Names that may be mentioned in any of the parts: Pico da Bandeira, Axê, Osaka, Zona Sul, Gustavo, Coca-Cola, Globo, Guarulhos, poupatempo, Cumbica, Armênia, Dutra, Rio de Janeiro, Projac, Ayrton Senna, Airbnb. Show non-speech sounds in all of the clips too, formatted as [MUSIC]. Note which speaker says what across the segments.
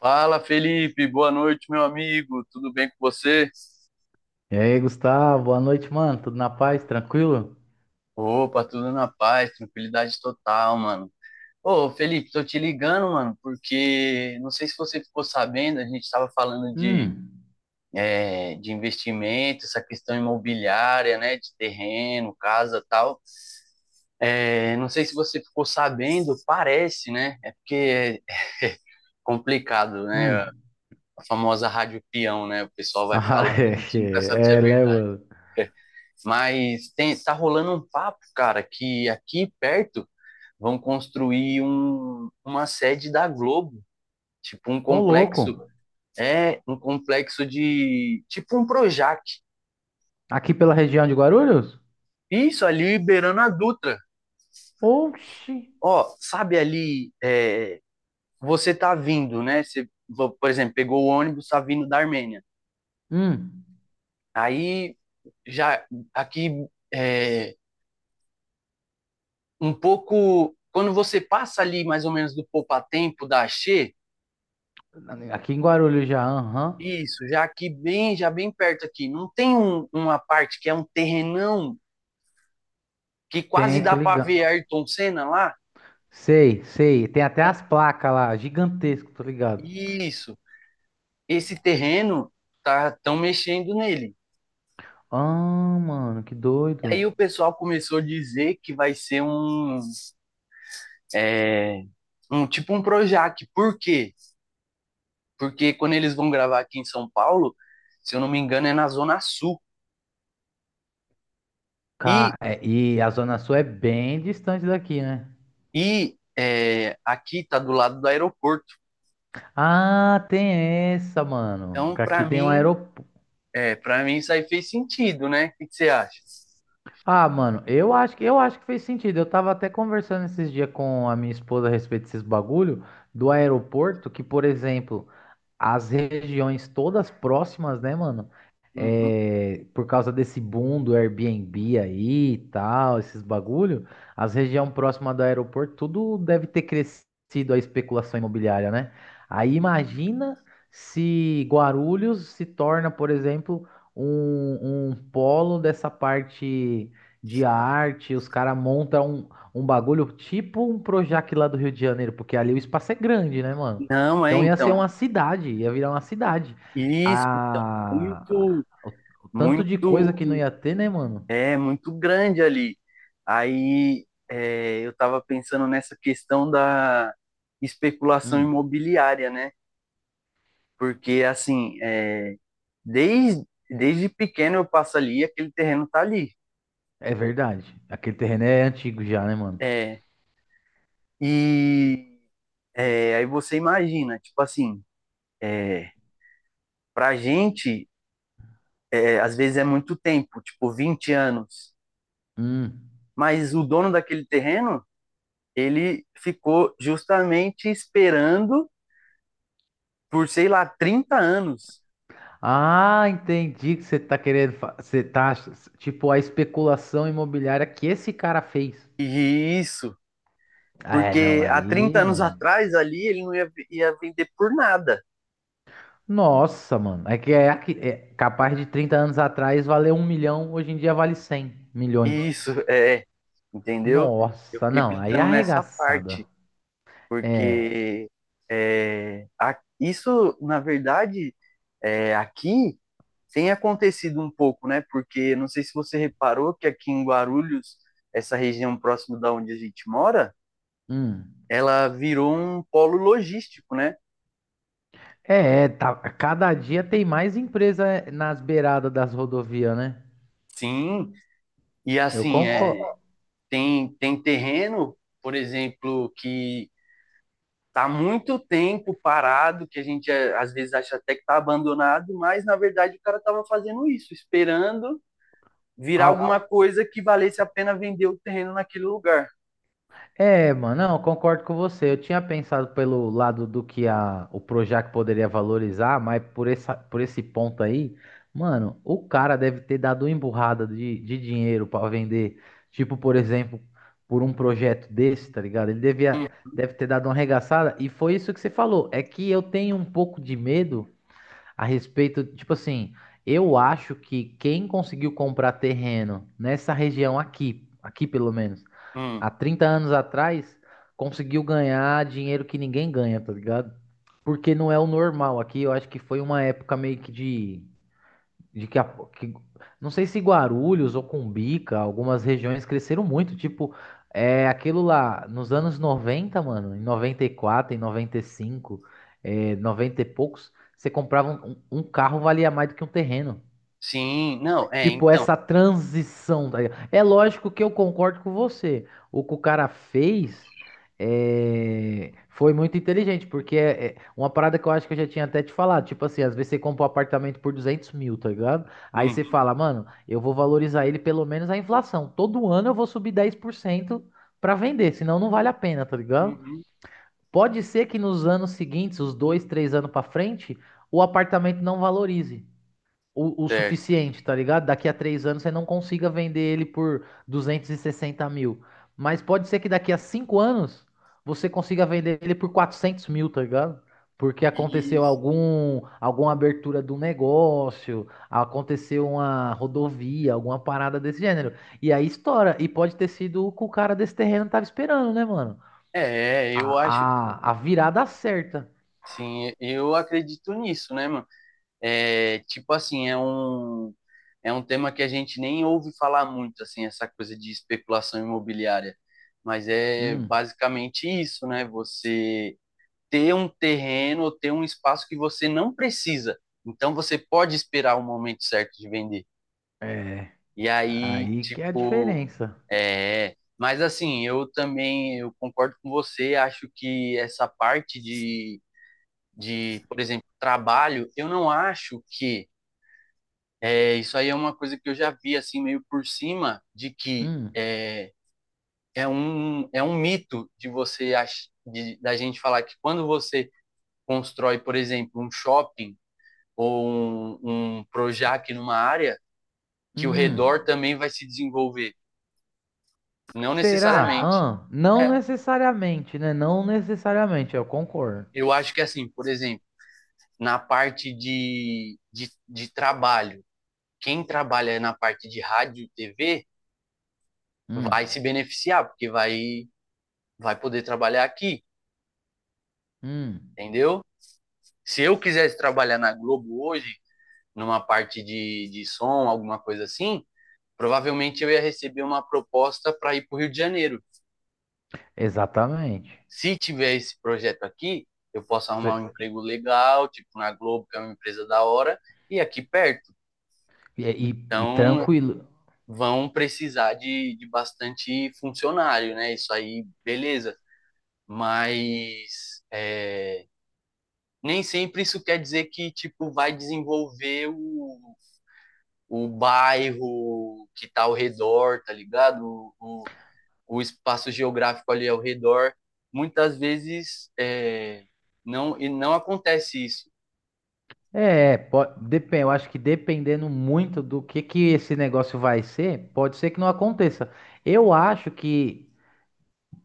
Speaker 1: Fala, Felipe, boa noite, meu amigo. Tudo bem com você?
Speaker 2: E aí, Gustavo, boa noite, mano. Tudo na paz, tranquilo?
Speaker 1: Opa, tudo na paz, tranquilidade total, mano. Ô, Felipe, tô te ligando, mano, porque não sei se você ficou sabendo, a gente estava falando de,
Speaker 2: Hum,
Speaker 1: é, de investimento, essa questão imobiliária, né, de terreno, casa, tal. É, não sei se você ficou sabendo, parece, né? É porque é complicado, né?
Speaker 2: hum.
Speaker 1: A famosa rádio peão, né? O pessoal vai
Speaker 2: Ah,
Speaker 1: falando, a
Speaker 2: [LAUGHS] é,
Speaker 1: gente nunca sabe se
Speaker 2: é,
Speaker 1: é
Speaker 2: é, né,
Speaker 1: verdade.
Speaker 2: mano?
Speaker 1: Mas tem, tá rolando um papo, cara, que aqui perto vão construir uma sede da Globo, tipo um
Speaker 2: Ô,
Speaker 1: complexo,
Speaker 2: louco.
Speaker 1: é um complexo de tipo um Projac.
Speaker 2: Aqui pela região de Guarulhos?
Speaker 1: Isso ali beirando a Dutra.
Speaker 2: Oxi.
Speaker 1: Ó, sabe ali, você tá vindo, né? Você, por exemplo, pegou o ônibus, tá vindo da Armênia.
Speaker 2: Hum.
Speaker 1: Aí já aqui é, um pouco quando você passa ali mais ou menos do poupatempo da Axê.
Speaker 2: Aqui em Guarulhos já, aham.
Speaker 1: Isso, já aqui bem, já bem perto aqui. Não tem uma parte que é um terrenão que quase
Speaker 2: Tem,
Speaker 1: dá
Speaker 2: tô
Speaker 1: para
Speaker 2: ligado.
Speaker 1: ver Ayrton Senna lá?
Speaker 2: Sei, sei. Tem até as placas lá, gigantesco, tô ligado.
Speaker 1: Isso. Esse terreno tá tão mexendo nele.
Speaker 2: Ah, mano, que
Speaker 1: E
Speaker 2: doido.
Speaker 1: aí o pessoal começou a dizer que vai ser é, um tipo um Projac. Por quê? Porque quando eles vão gravar aqui em São Paulo, se eu não me engano, é na Zona Sul. E
Speaker 2: É, e a Zona Sul é bem distante daqui, né?
Speaker 1: aqui tá do lado do aeroporto.
Speaker 2: Ah, tem essa, mano.
Speaker 1: Então,
Speaker 2: Aqui tem um aeroporto.
Speaker 1: Para mim isso aí fez sentido, né? O que que você acha?
Speaker 2: Ah, mano, eu acho que fez sentido. Eu tava até conversando esses dias com a minha esposa a respeito desses bagulho do aeroporto, que, por exemplo, as regiões todas próximas, né, mano?
Speaker 1: Uhum.
Speaker 2: É, por causa desse boom do Airbnb aí e tal, esses bagulho, as regiões próximas do aeroporto, tudo deve ter crescido a especulação imobiliária, né? Aí imagina se Guarulhos se torna, por exemplo, um polo dessa parte de arte, os caras montam um bagulho tipo um Projac lá do Rio de Janeiro, porque ali o espaço é grande, né, mano?
Speaker 1: Não, é,
Speaker 2: Então ia ser
Speaker 1: então.
Speaker 2: uma cidade, ia virar uma cidade.
Speaker 1: Isso, então,
Speaker 2: A...
Speaker 1: muito,
Speaker 2: O o tanto de coisa que não
Speaker 1: muito,
Speaker 2: ia ter, né, mano?
Speaker 1: muito grande ali. Aí, eu estava pensando nessa questão da especulação
Speaker 2: Hum,
Speaker 1: imobiliária, né? Porque, assim, é, desde pequeno eu passo ali e aquele terreno tá ali.
Speaker 2: é verdade. Aquele terreno é antigo já, né, mano?
Speaker 1: É, e aí você imagina, tipo assim, é, pra gente. É, às vezes é muito tempo, tipo 20 anos.
Speaker 2: Hum.
Speaker 1: Mas o dono daquele terreno, ele ficou justamente esperando por, sei lá, 30 anos.
Speaker 2: Ah, entendi que você tá querendo. Você tá. Tipo, a especulação imobiliária que esse cara fez.
Speaker 1: E isso,
Speaker 2: Ah, é, não,
Speaker 1: porque há 30
Speaker 2: aí,
Speaker 1: anos
Speaker 2: mano.
Speaker 1: atrás ali ele não ia, ia vender por nada.
Speaker 2: Nossa, mano. É que é, é capaz de 30 anos atrás valer um milhão, hoje em dia vale 100
Speaker 1: E
Speaker 2: milhões.
Speaker 1: isso, é, entendeu? Eu
Speaker 2: Nossa,
Speaker 1: fiquei
Speaker 2: não, aí é
Speaker 1: pensando nessa
Speaker 2: arregaçada.
Speaker 1: parte,
Speaker 2: É.
Speaker 1: porque é, isso, na verdade, é, aqui tem acontecido um pouco, né? Porque não sei se você reparou que aqui em Guarulhos, essa região próxima da onde a gente mora,
Speaker 2: Hum.
Speaker 1: ela virou um polo logístico, né?
Speaker 2: É, é, tá, cada dia tem mais empresa é, nas beiradas das rodovias, né?
Speaker 1: Sim, e
Speaker 2: Eu
Speaker 1: assim, é,
Speaker 2: concordo.
Speaker 1: tem terreno, por exemplo, que tá muito tempo parado, que a gente é, às vezes acha até que tá abandonado, mas na verdade o cara tava fazendo isso, esperando virar alguma
Speaker 2: Au-
Speaker 1: coisa que valesse a pena vender o terreno naquele lugar.
Speaker 2: É, mano, não, eu concordo com você. Eu tinha pensado pelo lado do que a, o Projac poderia valorizar, mas por essa, por esse ponto aí, mano, o cara deve ter dado uma emburrada de dinheiro pra vender. Tipo, por exemplo, por um projeto desse, tá ligado? Ele
Speaker 1: Hum,
Speaker 2: devia, deve ter dado uma arregaçada. E foi isso que você falou. É que eu tenho um pouco de medo. A respeito, tipo assim, eu acho que quem conseguiu comprar terreno nessa região aqui, aqui pelo menos,
Speaker 1: hum.
Speaker 2: há 30 anos atrás, conseguiu ganhar dinheiro que ninguém ganha, tá ligado? Porque não é o normal aqui, eu acho que foi uma época meio que de que, que- não sei se Guarulhos ou Cumbica, algumas regiões cresceram muito, tipo, é aquilo lá nos anos 90 mano, em 94, em 95, é, 90 e poucos, você comprava um, um carro valia mais do que um terreno.
Speaker 1: Sim, não, é,
Speaker 2: Tipo,
Speaker 1: então.
Speaker 2: essa transição, tá ligado? É lógico que eu concordo com você. O que o cara fez é, foi muito inteligente, porque é uma parada que eu acho que eu já tinha até te falado. Tipo assim, às vezes você compra um apartamento por 200 mil, tá ligado? Aí você
Speaker 1: Uhum,
Speaker 2: fala, mano, eu vou valorizar ele pelo menos a inflação. Todo ano eu vou subir 10% pra vender, senão não vale a pena, tá ligado?
Speaker 1: uhum,
Speaker 2: Pode ser que nos anos seguintes, os dois, três anos pra frente, o apartamento não valorize o
Speaker 1: certo.
Speaker 2: suficiente, tá ligado? Daqui a três anos você não consiga vender ele por 260 mil. Mas pode ser que daqui a cinco anos você consiga vender ele por 400 mil, tá ligado? Porque aconteceu
Speaker 1: Isso.
Speaker 2: algum, alguma abertura do negócio, aconteceu uma rodovia, alguma parada desse gênero. E aí estoura. E pode ter sido o que o cara desse terreno tava esperando, né, mano?
Speaker 1: É,
Speaker 2: A,
Speaker 1: eu acho,
Speaker 2: a, a virada certa.
Speaker 1: sim, eu acredito nisso, né, mano? É, tipo assim, é um tema que a gente nem ouve falar muito, assim, essa coisa de especulação imobiliária. Mas é
Speaker 2: Hum,
Speaker 1: basicamente isso, né? Você ter um terreno ou ter um espaço que você não precisa. Então você pode esperar o momento certo de vender.
Speaker 2: é.
Speaker 1: E aí,
Speaker 2: Aí que é a
Speaker 1: tipo,
Speaker 2: diferença.
Speaker 1: é, mas assim, eu também eu concordo com você, acho que essa parte de por exemplo, trabalho, eu não acho que é, isso aí é uma coisa que eu já vi assim meio por cima de que
Speaker 2: Hum,
Speaker 1: é, é um mito de você da gente falar que quando você constrói, por exemplo, um shopping ou um Projac numa área, que o redor
Speaker 2: hum.
Speaker 1: também vai se desenvolver. Não
Speaker 2: Será?
Speaker 1: necessariamente.
Speaker 2: Hã? Não
Speaker 1: É,
Speaker 2: necessariamente, né? Não necessariamente, eu concordo.
Speaker 1: eu acho que, assim, por exemplo, na parte de trabalho, quem trabalha na parte de rádio e TV
Speaker 2: Hum,
Speaker 1: vai se beneficiar, porque vai poder trabalhar aqui,
Speaker 2: hum,
Speaker 1: entendeu? Se eu quisesse trabalhar na Globo hoje, numa parte de som, alguma coisa assim, provavelmente eu ia receber uma proposta para ir para o Rio de Janeiro.
Speaker 2: exatamente.
Speaker 1: Se tiver esse projeto aqui, eu posso arrumar
Speaker 2: Cê-
Speaker 1: um emprego legal, tipo na Globo, que é uma empresa da hora, e aqui perto.
Speaker 2: E, e
Speaker 1: Então,
Speaker 2: tranquilo.
Speaker 1: vão precisar de bastante funcionário, né? Isso aí, beleza. Mas é, nem sempre isso quer dizer que, tipo, vai desenvolver o, bairro que tá ao redor, tá ligado? O, o, o espaço geográfico ali ao redor. Muitas vezes e não acontece isso.
Speaker 2: É, pode, depende, eu acho que dependendo muito do que esse negócio vai ser, pode ser que não aconteça. Eu acho que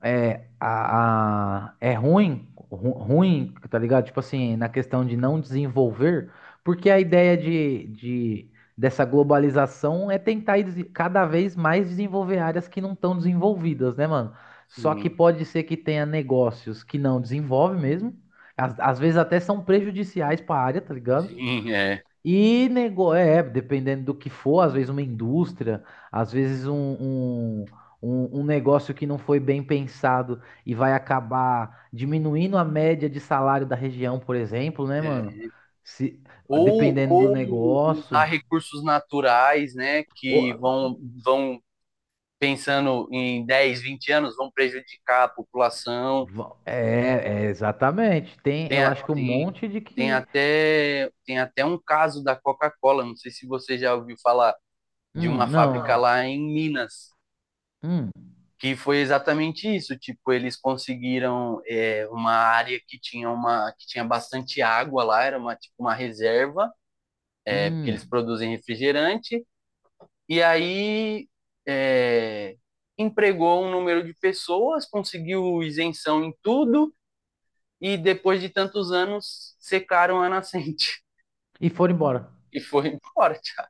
Speaker 2: é, a, é ruim, ruim, tá ligado? Tipo assim, na questão de não desenvolver, porque a ideia dessa globalização é tentar ir cada vez mais desenvolver áreas que não estão desenvolvidas, né, mano? Só que
Speaker 1: Sim.
Speaker 2: pode ser que tenha negócios que não desenvolve mesmo, às vezes até são prejudiciais para a área, tá ligado?
Speaker 1: Sim, é.
Speaker 2: E nego... é, dependendo do que for, às vezes uma indústria, às vezes um negócio que não foi bem pensado e vai acabar diminuindo a média de salário da região, por exemplo, né, mano?
Speaker 1: É.
Speaker 2: Se... Dependendo do
Speaker 1: Ou usar
Speaker 2: negócio.
Speaker 1: recursos naturais, né,
Speaker 2: Ou-
Speaker 1: que vão pensando em 10, 20 anos, vão prejudicar a população.
Speaker 2: É, é, exatamente. Tem,
Speaker 1: Tem,
Speaker 2: eu acho que um monte de que.
Speaker 1: tem até um caso da Coca-Cola, não sei se você já ouviu falar de uma fábrica
Speaker 2: Não.
Speaker 1: lá em Minas,
Speaker 2: Hum,
Speaker 1: que foi exatamente isso, tipo, eles conseguiram é, uma área que tinha uma que tinha bastante água lá, era uma tipo uma reserva, é, porque eles
Speaker 2: hum.
Speaker 1: produzem refrigerante. E aí é, empregou um número de pessoas, conseguiu isenção em tudo e depois de tantos anos secaram a nascente
Speaker 2: E foram embora.
Speaker 1: [LAUGHS] e foi embora, já,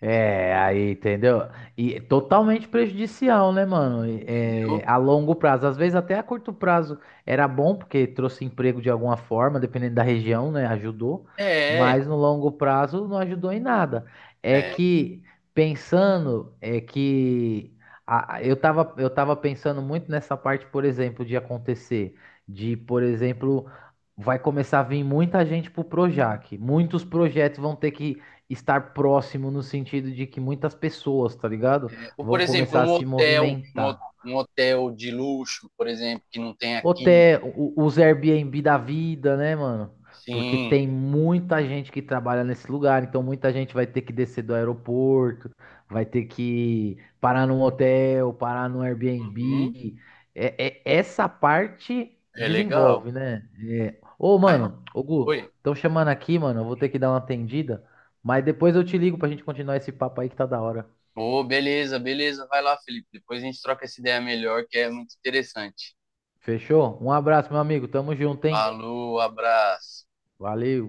Speaker 2: É, aí, entendeu? E é totalmente prejudicial, né, mano? E,
Speaker 1: entendeu?
Speaker 2: é, a longo prazo. Às vezes até a curto prazo era bom, porque trouxe emprego de alguma forma, dependendo da região, né? Ajudou.
Speaker 1: É,
Speaker 2: Mas no longo prazo não ajudou em nada. É
Speaker 1: é.
Speaker 2: que, pensando, é que eu tava pensando muito nessa parte, por exemplo, de acontecer. De, por exemplo, vai começar a vir muita gente pro Projac. Muitos projetos vão ter que estar próximo no sentido de que muitas pessoas, tá ligado?
Speaker 1: Ou, por
Speaker 2: Vão
Speaker 1: exemplo,
Speaker 2: começar a
Speaker 1: um
Speaker 2: se
Speaker 1: hotel,
Speaker 2: movimentar.
Speaker 1: um hotel de luxo, por exemplo, que não tem aqui.
Speaker 2: Até os Airbnb da vida, né, mano? Porque
Speaker 1: Sim,
Speaker 2: tem muita gente que trabalha nesse lugar, então muita gente vai ter que descer do aeroporto, vai ter que parar num hotel, parar num
Speaker 1: uhum,
Speaker 2: Airbnb. É, essa parte
Speaker 1: é legal.
Speaker 2: desenvolve, né? É. Ô,
Speaker 1: Mas,
Speaker 2: mano, ô Gu,
Speaker 1: oi.
Speaker 2: estão chamando aqui, mano, eu vou ter que dar uma atendida. Mas depois eu te ligo pra gente continuar esse papo aí que tá da hora.
Speaker 1: Ô, beleza, beleza. Vai lá, Felipe. Depois a gente troca essa ideia melhor, que é muito interessante.
Speaker 2: Fechou? Um abraço, meu amigo. Tamo junto, hein?
Speaker 1: Falou, abraço.
Speaker 2: Valeu.